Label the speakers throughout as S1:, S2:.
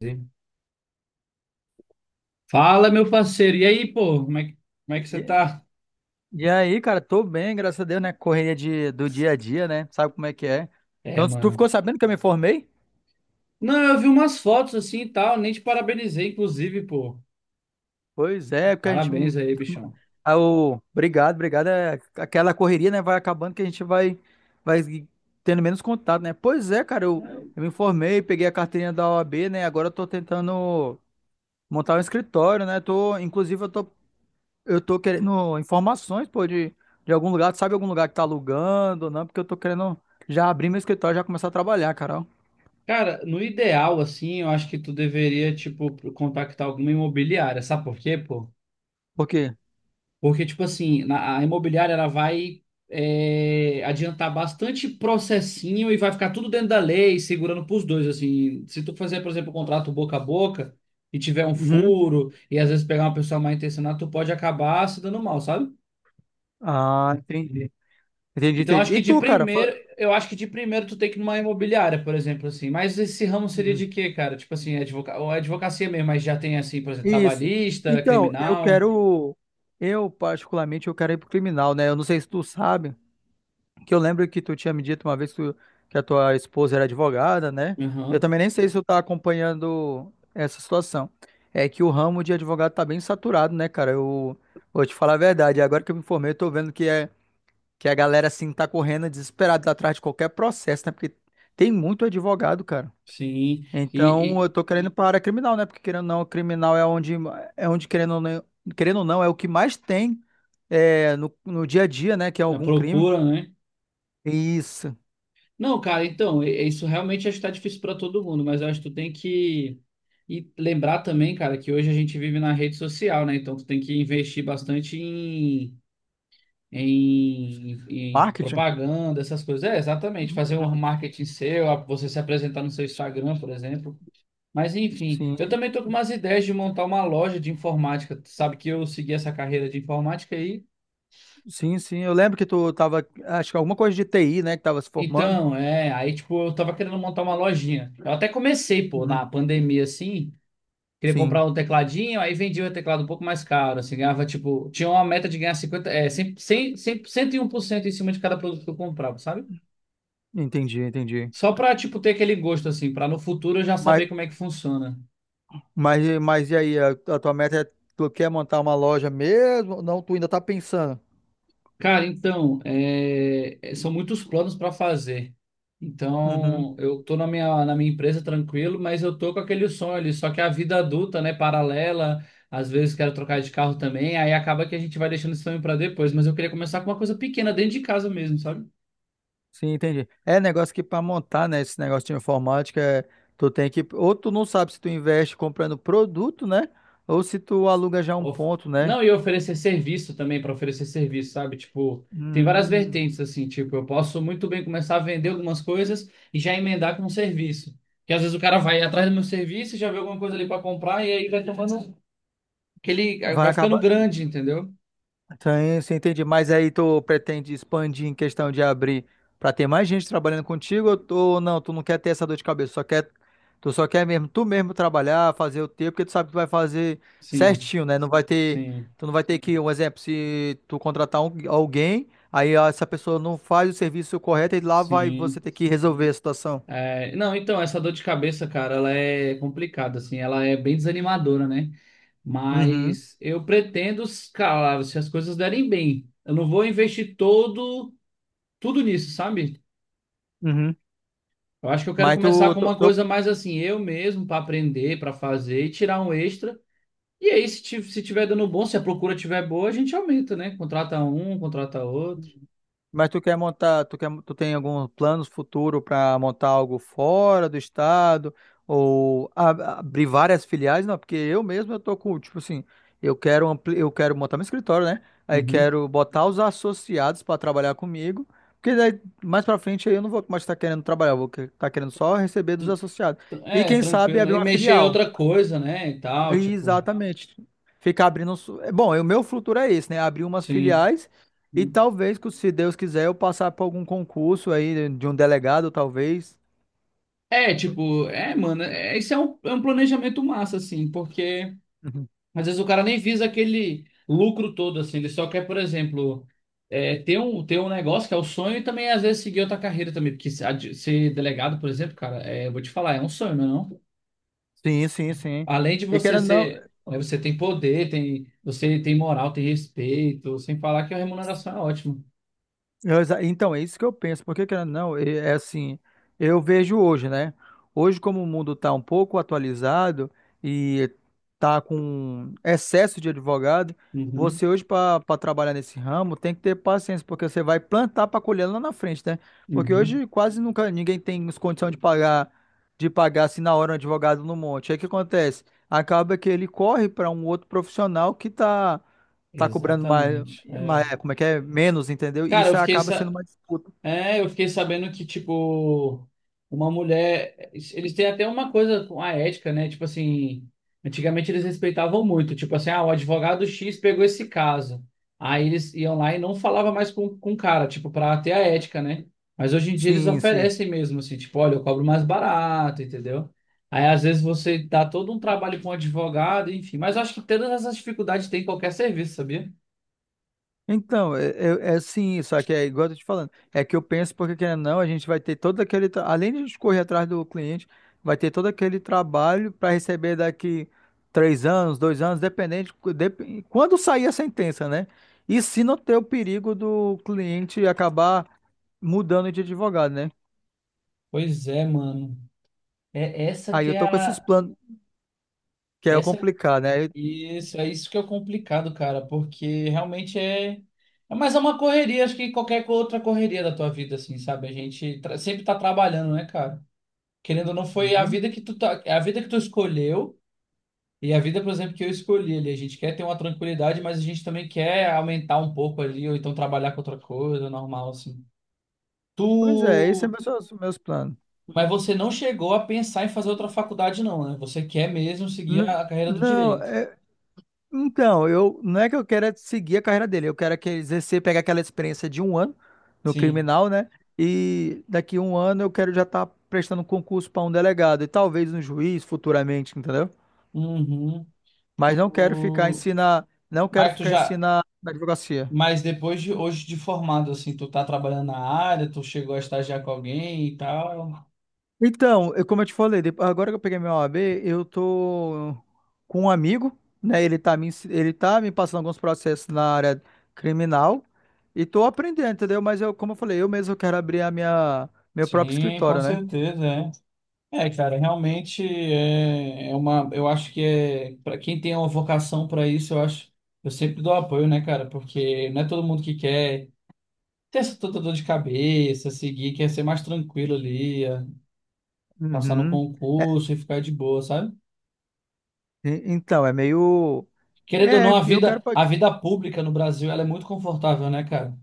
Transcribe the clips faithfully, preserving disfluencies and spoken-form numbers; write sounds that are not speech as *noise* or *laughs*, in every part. S1: Sim. Fala, meu parceiro. E aí, pô, como é que, como é que você
S2: E,
S1: tá?
S2: e aí, cara, tô bem, graças a Deus, né? Correria de, do dia a dia, né? Sabe como é que é?
S1: É,
S2: Então, tu
S1: mano.
S2: ficou sabendo que eu me formei?
S1: Não, eu vi umas fotos assim e tal, nem te parabenizei, inclusive, pô.
S2: Pois é, porque a gente.
S1: Parabéns
S2: *laughs*
S1: aí, bichão.
S2: Ah, o- obrigado, obrigado. É, aquela correria, né? Vai acabando que a gente vai, vai tendo menos contato, né? Pois é, cara, eu, eu me formei, peguei a carteirinha da O A B, né? Agora eu tô tentando montar um escritório, né? Tô, inclusive, eu tô Eu tô querendo informações, pô, de, de algum lugar. Tu sabe algum lugar que tá alugando ou não? Porque eu tô querendo já abrir meu escritório e já começar a trabalhar, Carol.
S1: Cara, no ideal, assim, eu acho que tu deveria, tipo, contactar alguma imobiliária. Sabe por quê, pô?
S2: Por quê?
S1: Porque, tipo assim, na- a imobiliária ela vai é, adiantar bastante processinho e vai ficar tudo dentro da lei, segurando pros dois, assim. Se tu fazer, por exemplo, um contrato boca a boca e tiver um
S2: Uhum.
S1: furo e às vezes pegar uma pessoa mal intencionada, tu pode acabar se dando mal, sabe?
S2: Ah, entendi. Entendi,
S1: Então,
S2: entendi.
S1: acho
S2: E
S1: que de
S2: tu, cara?
S1: primeiro,
S2: Fa-
S1: eu acho que de primeiro tu tem que ir numa imobiliária, por exemplo, assim. Mas esse ramo seria
S2: Uhum.
S1: de quê, cara? Tipo assim, advoca... ou advocacia mesmo, mas já tem assim, por exemplo,
S2: Isso.
S1: trabalhista,
S2: Então, eu
S1: criminal.
S2: quero. Eu, particularmente, eu quero ir pro criminal, né? Eu não sei se tu sabe. Que eu lembro que tu tinha me dito uma vez que, tu- que a tua esposa era advogada, né? Eu
S1: Aham,
S2: também nem sei se tu tá acompanhando essa situação. É que o ramo de advogado tá bem saturado, né, cara? Eu vou te falar a verdade. Agora que eu me informei, eu tô vendo que, é, que a galera, assim, tá correndo desesperada atrás de qualquer processo, né? Porque tem muito advogado, cara.
S1: sim. E,
S2: Então, eu
S1: e
S2: tô querendo para a área criminal, né? Porque, querendo ou não, o criminal é onde, é onde querendo ou não, querendo ou não, é o que mais tem é, no, no dia a dia, né? Que é
S1: a
S2: algum crime.
S1: procura, né?
S2: Isso.
S1: Não, cara, então, e- e isso realmente acho que tá difícil para todo mundo, mas eu acho que tu tem que e lembrar também, cara, que hoje a gente vive na rede social, né? Então tu tem que investir bastante em, em, em
S2: Marketing?
S1: propaganda, essas coisas. É, exatamente, fazer um marketing seu, a- você se apresentar no seu Instagram, por exemplo. Mas enfim, eu
S2: Sim,
S1: também tô com umas ideias de montar uma loja de informática. Tu sabe que eu segui essa carreira de informática aí.
S2: sim, sim. Eu lembro que tu tava, acho que alguma coisa de T I, né, que tava se formando.
S1: Então, é, aí tipo, eu tava querendo montar uma lojinha. Eu até comecei, pô,
S2: Uhum.
S1: na pandemia assim, queria
S2: Sim,
S1: comprar um tecladinho, aí vendia o teclado um pouco mais caro, assim, ganhava, tipo, tinha uma meta de ganhar cinquenta, é, cem, cem, cem, cento e um por cento em cima de cada produto que eu comprava, sabe?
S2: entendi, entendi.
S1: Só pra, tipo, ter aquele gosto, assim, pra no futuro eu já
S2: Mas,
S1: saber como é que funciona.
S2: mas, mas e aí, a, a tua meta é, tu quer montar uma loja mesmo? Ou não, tu ainda tá pensando.
S1: Cara, então, é, é, são muitos planos pra fazer.
S2: Uhum.
S1: Então, eu tô na minha, na minha empresa tranquilo, mas eu tô com aquele sonho ali, só que a vida adulta, né, paralela, às vezes quero trocar de carro também, aí acaba que a gente vai deixando esse sonho pra depois, mas eu queria começar com uma coisa pequena, dentro de casa mesmo, sabe?
S2: Sim, entendi. É negócio que para montar, né, esse negócio de informática, é, tu tem que, ou tu não sabe se tu investe comprando produto, né, ou se tu aluga já um
S1: Of-
S2: ponto, né?
S1: Não, e oferecer serviço também, para oferecer serviço, sabe? Tipo, tem várias
S2: Hum,
S1: vertentes, assim, tipo, eu posso muito bem começar a vender algumas coisas e já emendar com um serviço. Porque às vezes o cara vai atrás do meu serviço, e já vê alguma coisa ali para comprar e aí vai tomando, aquele,
S2: vai
S1: vai ficando
S2: acabar.
S1: grande, entendeu?
S2: Sim, sim, entendi. Mas aí tu pretende expandir em questão de abrir pra ter mais gente trabalhando contigo ou tu- ou não? Tu não quer ter essa dor de cabeça, só quer, tu só quer mesmo, tu mesmo trabalhar, fazer o teu, porque tu sabe que tu vai fazer
S1: Sim,
S2: certinho, né? Não vai ter,
S1: sim,
S2: tu não vai ter que, um exemplo, se tu contratar um- alguém, aí ó, essa pessoa não faz o serviço correto e lá vai você
S1: sim.
S2: ter que resolver a situação.
S1: É, não, então, essa dor de cabeça, cara, ela é complicada, assim, ela é bem desanimadora, né?
S2: Uhum,
S1: Mas eu pretendo, cara, se as coisas derem bem. Eu não vou investir todo tudo nisso, sabe?
S2: uhum.
S1: Eu acho que eu quero
S2: Mas
S1: começar
S2: tu,
S1: com
S2: tu,
S1: uma
S2: tu
S1: coisa mais assim, eu mesmo, para aprender, para fazer e tirar um extra. E aí, se, ti- se tiver dando bom, se a procura tiver boa, a gente aumenta, né? Contrata um, contrata outro.
S2: Mas tu quer montar, tu quer, tu tem algum plano futuro para montar algo fora do estado ou a- abrir várias filiais? Não, porque eu mesmo eu tô com, tipo assim, eu quero ampli, eu quero montar meu escritório, né? Aí
S1: Uhum.
S2: quero botar os associados para trabalhar comigo, porque daí mais para frente aí eu não vou mais estar querendo trabalhar, eu vou estar querendo só receber dos associados. E
S1: É,
S2: quem sabe
S1: tranquilo, né?
S2: abrir
S1: E
S2: uma
S1: mexer em
S2: filial.
S1: outra coisa, né? E tal, tipo,
S2: Exatamente. Ficar abrindo. um su- é Bom, o meu futuro é esse, né? Abrir umas
S1: sim.
S2: filiais e talvez, que se Deus quiser, eu passar por algum concurso aí de um delegado, talvez.
S1: É, tipo, é, mano, é, isso é um, é um planejamento massa, assim, porque.
S2: Uhum.
S1: Às vezes o cara nem visa aquele lucro todo, assim, ele só quer, por exemplo, é, ter um, ter um negócio que é o sonho e também às vezes seguir outra carreira também, porque se- a de- ser delegado, por exemplo, cara, é, eu vou te falar, é um sonho, não? É não?
S2: Sim, sim, sim.
S1: Além de
S2: E
S1: você
S2: querendo ou
S1: ser,
S2: não,
S1: é, você tem poder, tem, você tem moral, tem respeito, sem falar que a remuneração é ótima.
S2: Eu exa- então, é isso que eu penso, porque querendo ou não, é é assim, eu vejo hoje, né? Hoje, como o mundo está um pouco atualizado e está com excesso de advogado,
S1: Uhum,
S2: você hoje, para trabalhar nesse ramo, tem que ter paciência, porque você vai plantar para colher lá na frente, né? Porque
S1: uhum,
S2: hoje quase nunca ninguém tem as condições de pagar, de pagar assim na hora um advogado no monte. Aí o que acontece? Acaba que ele corre para um outro profissional que está tá tá cobrando mais.
S1: exatamente. É.
S2: Mas é, como é que é? Menos, entendeu? E
S1: Cara, eu
S2: isso
S1: fiquei,
S2: acaba sendo uma disputa.
S1: É, eu fiquei sabendo que, tipo, uma mulher. Eles têm até uma coisa com a ética, né? Tipo assim, antigamente eles respeitavam muito. Tipo assim, ah, o advogado X pegou esse caso. Aí eles iam lá e não falava mais com, com o cara, tipo, pra ter a ética, né? Mas hoje em dia eles
S2: Sim, sim.
S1: oferecem mesmo, assim, tipo, olha, eu cobro mais barato, entendeu? Aí às vezes você dá todo um trabalho com um advogado, enfim. Mas eu acho que todas essas dificuldades tem em qualquer serviço, sabia?
S2: Então, é, é, é sim, só que é igual eu tô te falando. É que eu penso, porque querendo ou não, a gente vai ter todo aquele. tra- Além de a gente correr atrás do cliente, vai ter todo aquele trabalho para receber daqui três anos, dois anos, dependente. cu- dep- Quando sair a sentença, né? E se não ter o perigo do cliente acabar mudando de advogado, né?
S1: Pois é, mano. É essa
S2: Aí
S1: que
S2: eu
S1: é
S2: tô com esses
S1: a.
S2: planos, que é o
S1: Essa
S2: complicado, né? Aí-
S1: Isso, é isso que é o complicado, cara, porque realmente é. É mais uma correria, acho que qualquer outra correria da tua vida, assim, sabe? A gente tra- sempre tá trabalhando, né, cara? Querendo ou não, foi a
S2: Uhum.
S1: vida que tu tá... é a vida que tu escolheu e a vida, por exemplo, que eu escolhi ali. A gente quer ter uma tranquilidade, mas a gente também quer aumentar um pouco ali, ou então trabalhar com outra coisa, normal, assim.
S2: Pois é, esses são
S1: Tu.
S2: meus, meus planos.
S1: Mas você não chegou a pensar em fazer outra faculdade, não, né? Você quer mesmo seguir
S2: N-
S1: a a carreira do
S2: Não,
S1: direito.
S2: é- então, eu não é que eu quero é seguir a carreira dele, eu quero é que ele exercer, pegar aquela experiência de um ano no
S1: Sim.
S2: criminal, né? E daqui um ano eu quero já estar prestando um concurso para um delegado e talvez um juiz futuramente, entendeu?
S1: Uhum.
S2: Mas não quero ficar ensinar, não quero
S1: Mas tu
S2: ficar
S1: já,
S2: ensinar na advocacia.
S1: mas depois de hoje de formado, assim, tu tá trabalhando na área, tu chegou a estagiar com alguém e tal.
S2: Então, eu- como eu te falei, depo- agora que eu peguei meu O A B, eu tô com um amigo, né? Ele tá me, ens- ele tá me passando alguns processos na área criminal e tô aprendendo, entendeu? Mas eu, como eu falei, eu mesmo quero abrir a minha, meu próprio
S1: Sim, com
S2: escritório, né?
S1: certeza, é. É, cara, realmente é, é uma. Eu acho que é, para quem tem uma vocação para isso, eu acho. Eu sempre dou apoio, né, cara? Porque não é todo mundo que quer ter essa toda dor de cabeça, seguir, quer ser mais tranquilo ali, é, passar no
S2: Uhum. É,
S1: concurso e ficar de boa, sabe?
S2: e- então, é meio.
S1: Querendo ou não,
S2: É,
S1: a
S2: eu quero.
S1: vida, a vida pública no Brasil, ela é muito confortável, né, cara?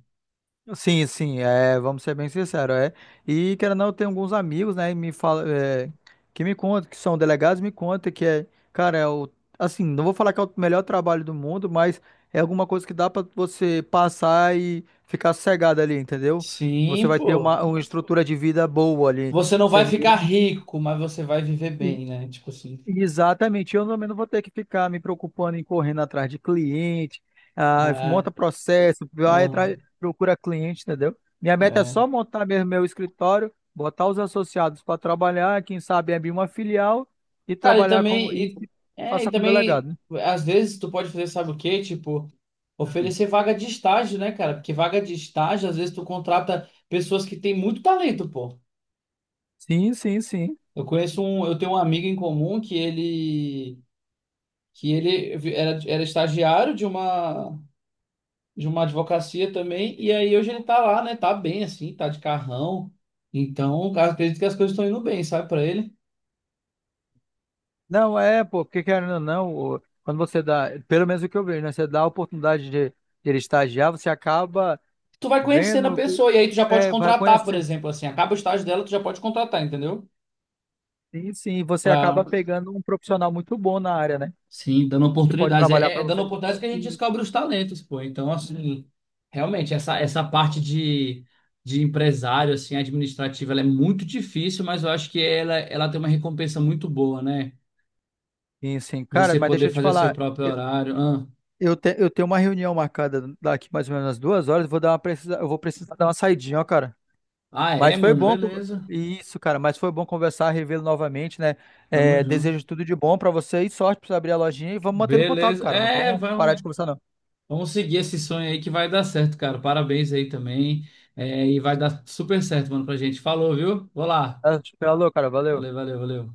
S2: Sim, sim, é, vamos ser bem sinceros, é. E querendo ou não, eu tenho alguns amigos, né, e me fala, é, que me contam, que são delegados, me contam que é, cara, é o, assim, não vou falar que é o melhor trabalho do mundo, mas é alguma coisa que dá pra você passar e ficar sossegado ali, entendeu? Você
S1: Sim,
S2: vai ter
S1: pô.
S2: uma, uma estrutura de vida boa ali,
S1: Você não vai
S2: sem
S1: ficar
S2: ninguém.
S1: rico, mas você vai viver bem, né? Tipo assim.
S2: Exatamente, eu também não vou ter que ficar me preocupando em correndo atrás de cliente, ah,
S1: É,
S2: monta processo, vai atrás,
S1: aham,
S2: procura cliente, entendeu? Minha meta é
S1: é.
S2: só montar mesmo meu escritório, botar os associados para trabalhar, quem sabe abrir uma filial e
S1: Cara, e
S2: trabalhar como
S1: também,
S2: e
S1: e,
S2: se-
S1: é, e
S2: passar como delegado,
S1: também,
S2: né?
S1: às vezes tu pode fazer, sabe o quê? Tipo, oferecer vaga de estágio, né, cara? Porque vaga de estágio, às vezes tu contrata pessoas que têm muito talento, pô.
S2: Sim, sim, sim.
S1: Eu conheço um, eu tenho um amigo em comum que ele, que ele era, era estagiário de uma de uma advocacia também, e aí hoje ele tá lá, né? Tá bem assim, tá de carrão. Então, cara, acredito que as coisas estão indo bem, sabe, pra ele.
S2: Não, é, pô, porque querendo ou não, o- quando você dá, pelo menos o que eu vejo, né? Você dá a oportunidade de, de ele estagiar, você acaba
S1: Tu vai conhecendo a
S2: vendo,
S1: pessoa, e aí tu já pode
S2: é, vai
S1: contratar, por
S2: conhecendo.
S1: exemplo, assim, acaba o estágio dela, tu já pode contratar, entendeu?
S2: Sim, sim, você
S1: Pra...
S2: acaba pegando um profissional muito bom na área, né?
S1: Sim, dando
S2: Que pode
S1: oportunidades. É,
S2: trabalhar
S1: é-
S2: para
S1: é dando
S2: você.
S1: oportunidades que a gente
S2: Sim,
S1: descobre os talentos, pô. Então, assim, realmente, essa, essa parte de, de empresário, assim, administrativa, ela é muito difícil, mas eu acho que ela, ela tem uma recompensa muito boa, né?
S2: sim, sim. Cara,
S1: Você
S2: mas deixa
S1: poder
S2: eu te
S1: fazer seu
S2: falar,
S1: próprio
S2: eu,
S1: horário. Ah.
S2: eu, te- eu tenho uma reunião marcada daqui mais ou menos umas duas horas, vou dar uma precisa, eu vou precisar dar uma saidinha, ó, cara.
S1: Ah, é,
S2: Mas foi
S1: mano,
S2: bom, con-
S1: beleza.
S2: isso, cara, mas foi bom conversar, revê-lo novamente, né?
S1: Tamo
S2: É,
S1: junto.
S2: desejo tudo de bom para você e sorte para abrir a lojinha e vamos mantendo contato,
S1: Beleza.
S2: cara, não
S1: É,
S2: vamos parar de
S1: vamos,
S2: conversar, não.
S1: vamos seguir esse sonho aí que vai dar certo, cara. Parabéns aí também. É, e vai dar super certo, mano, pra gente. Falou, viu? Vou lá.
S2: Ah, falou, cara,
S1: Valeu,
S2: valeu.
S1: valeu, valeu.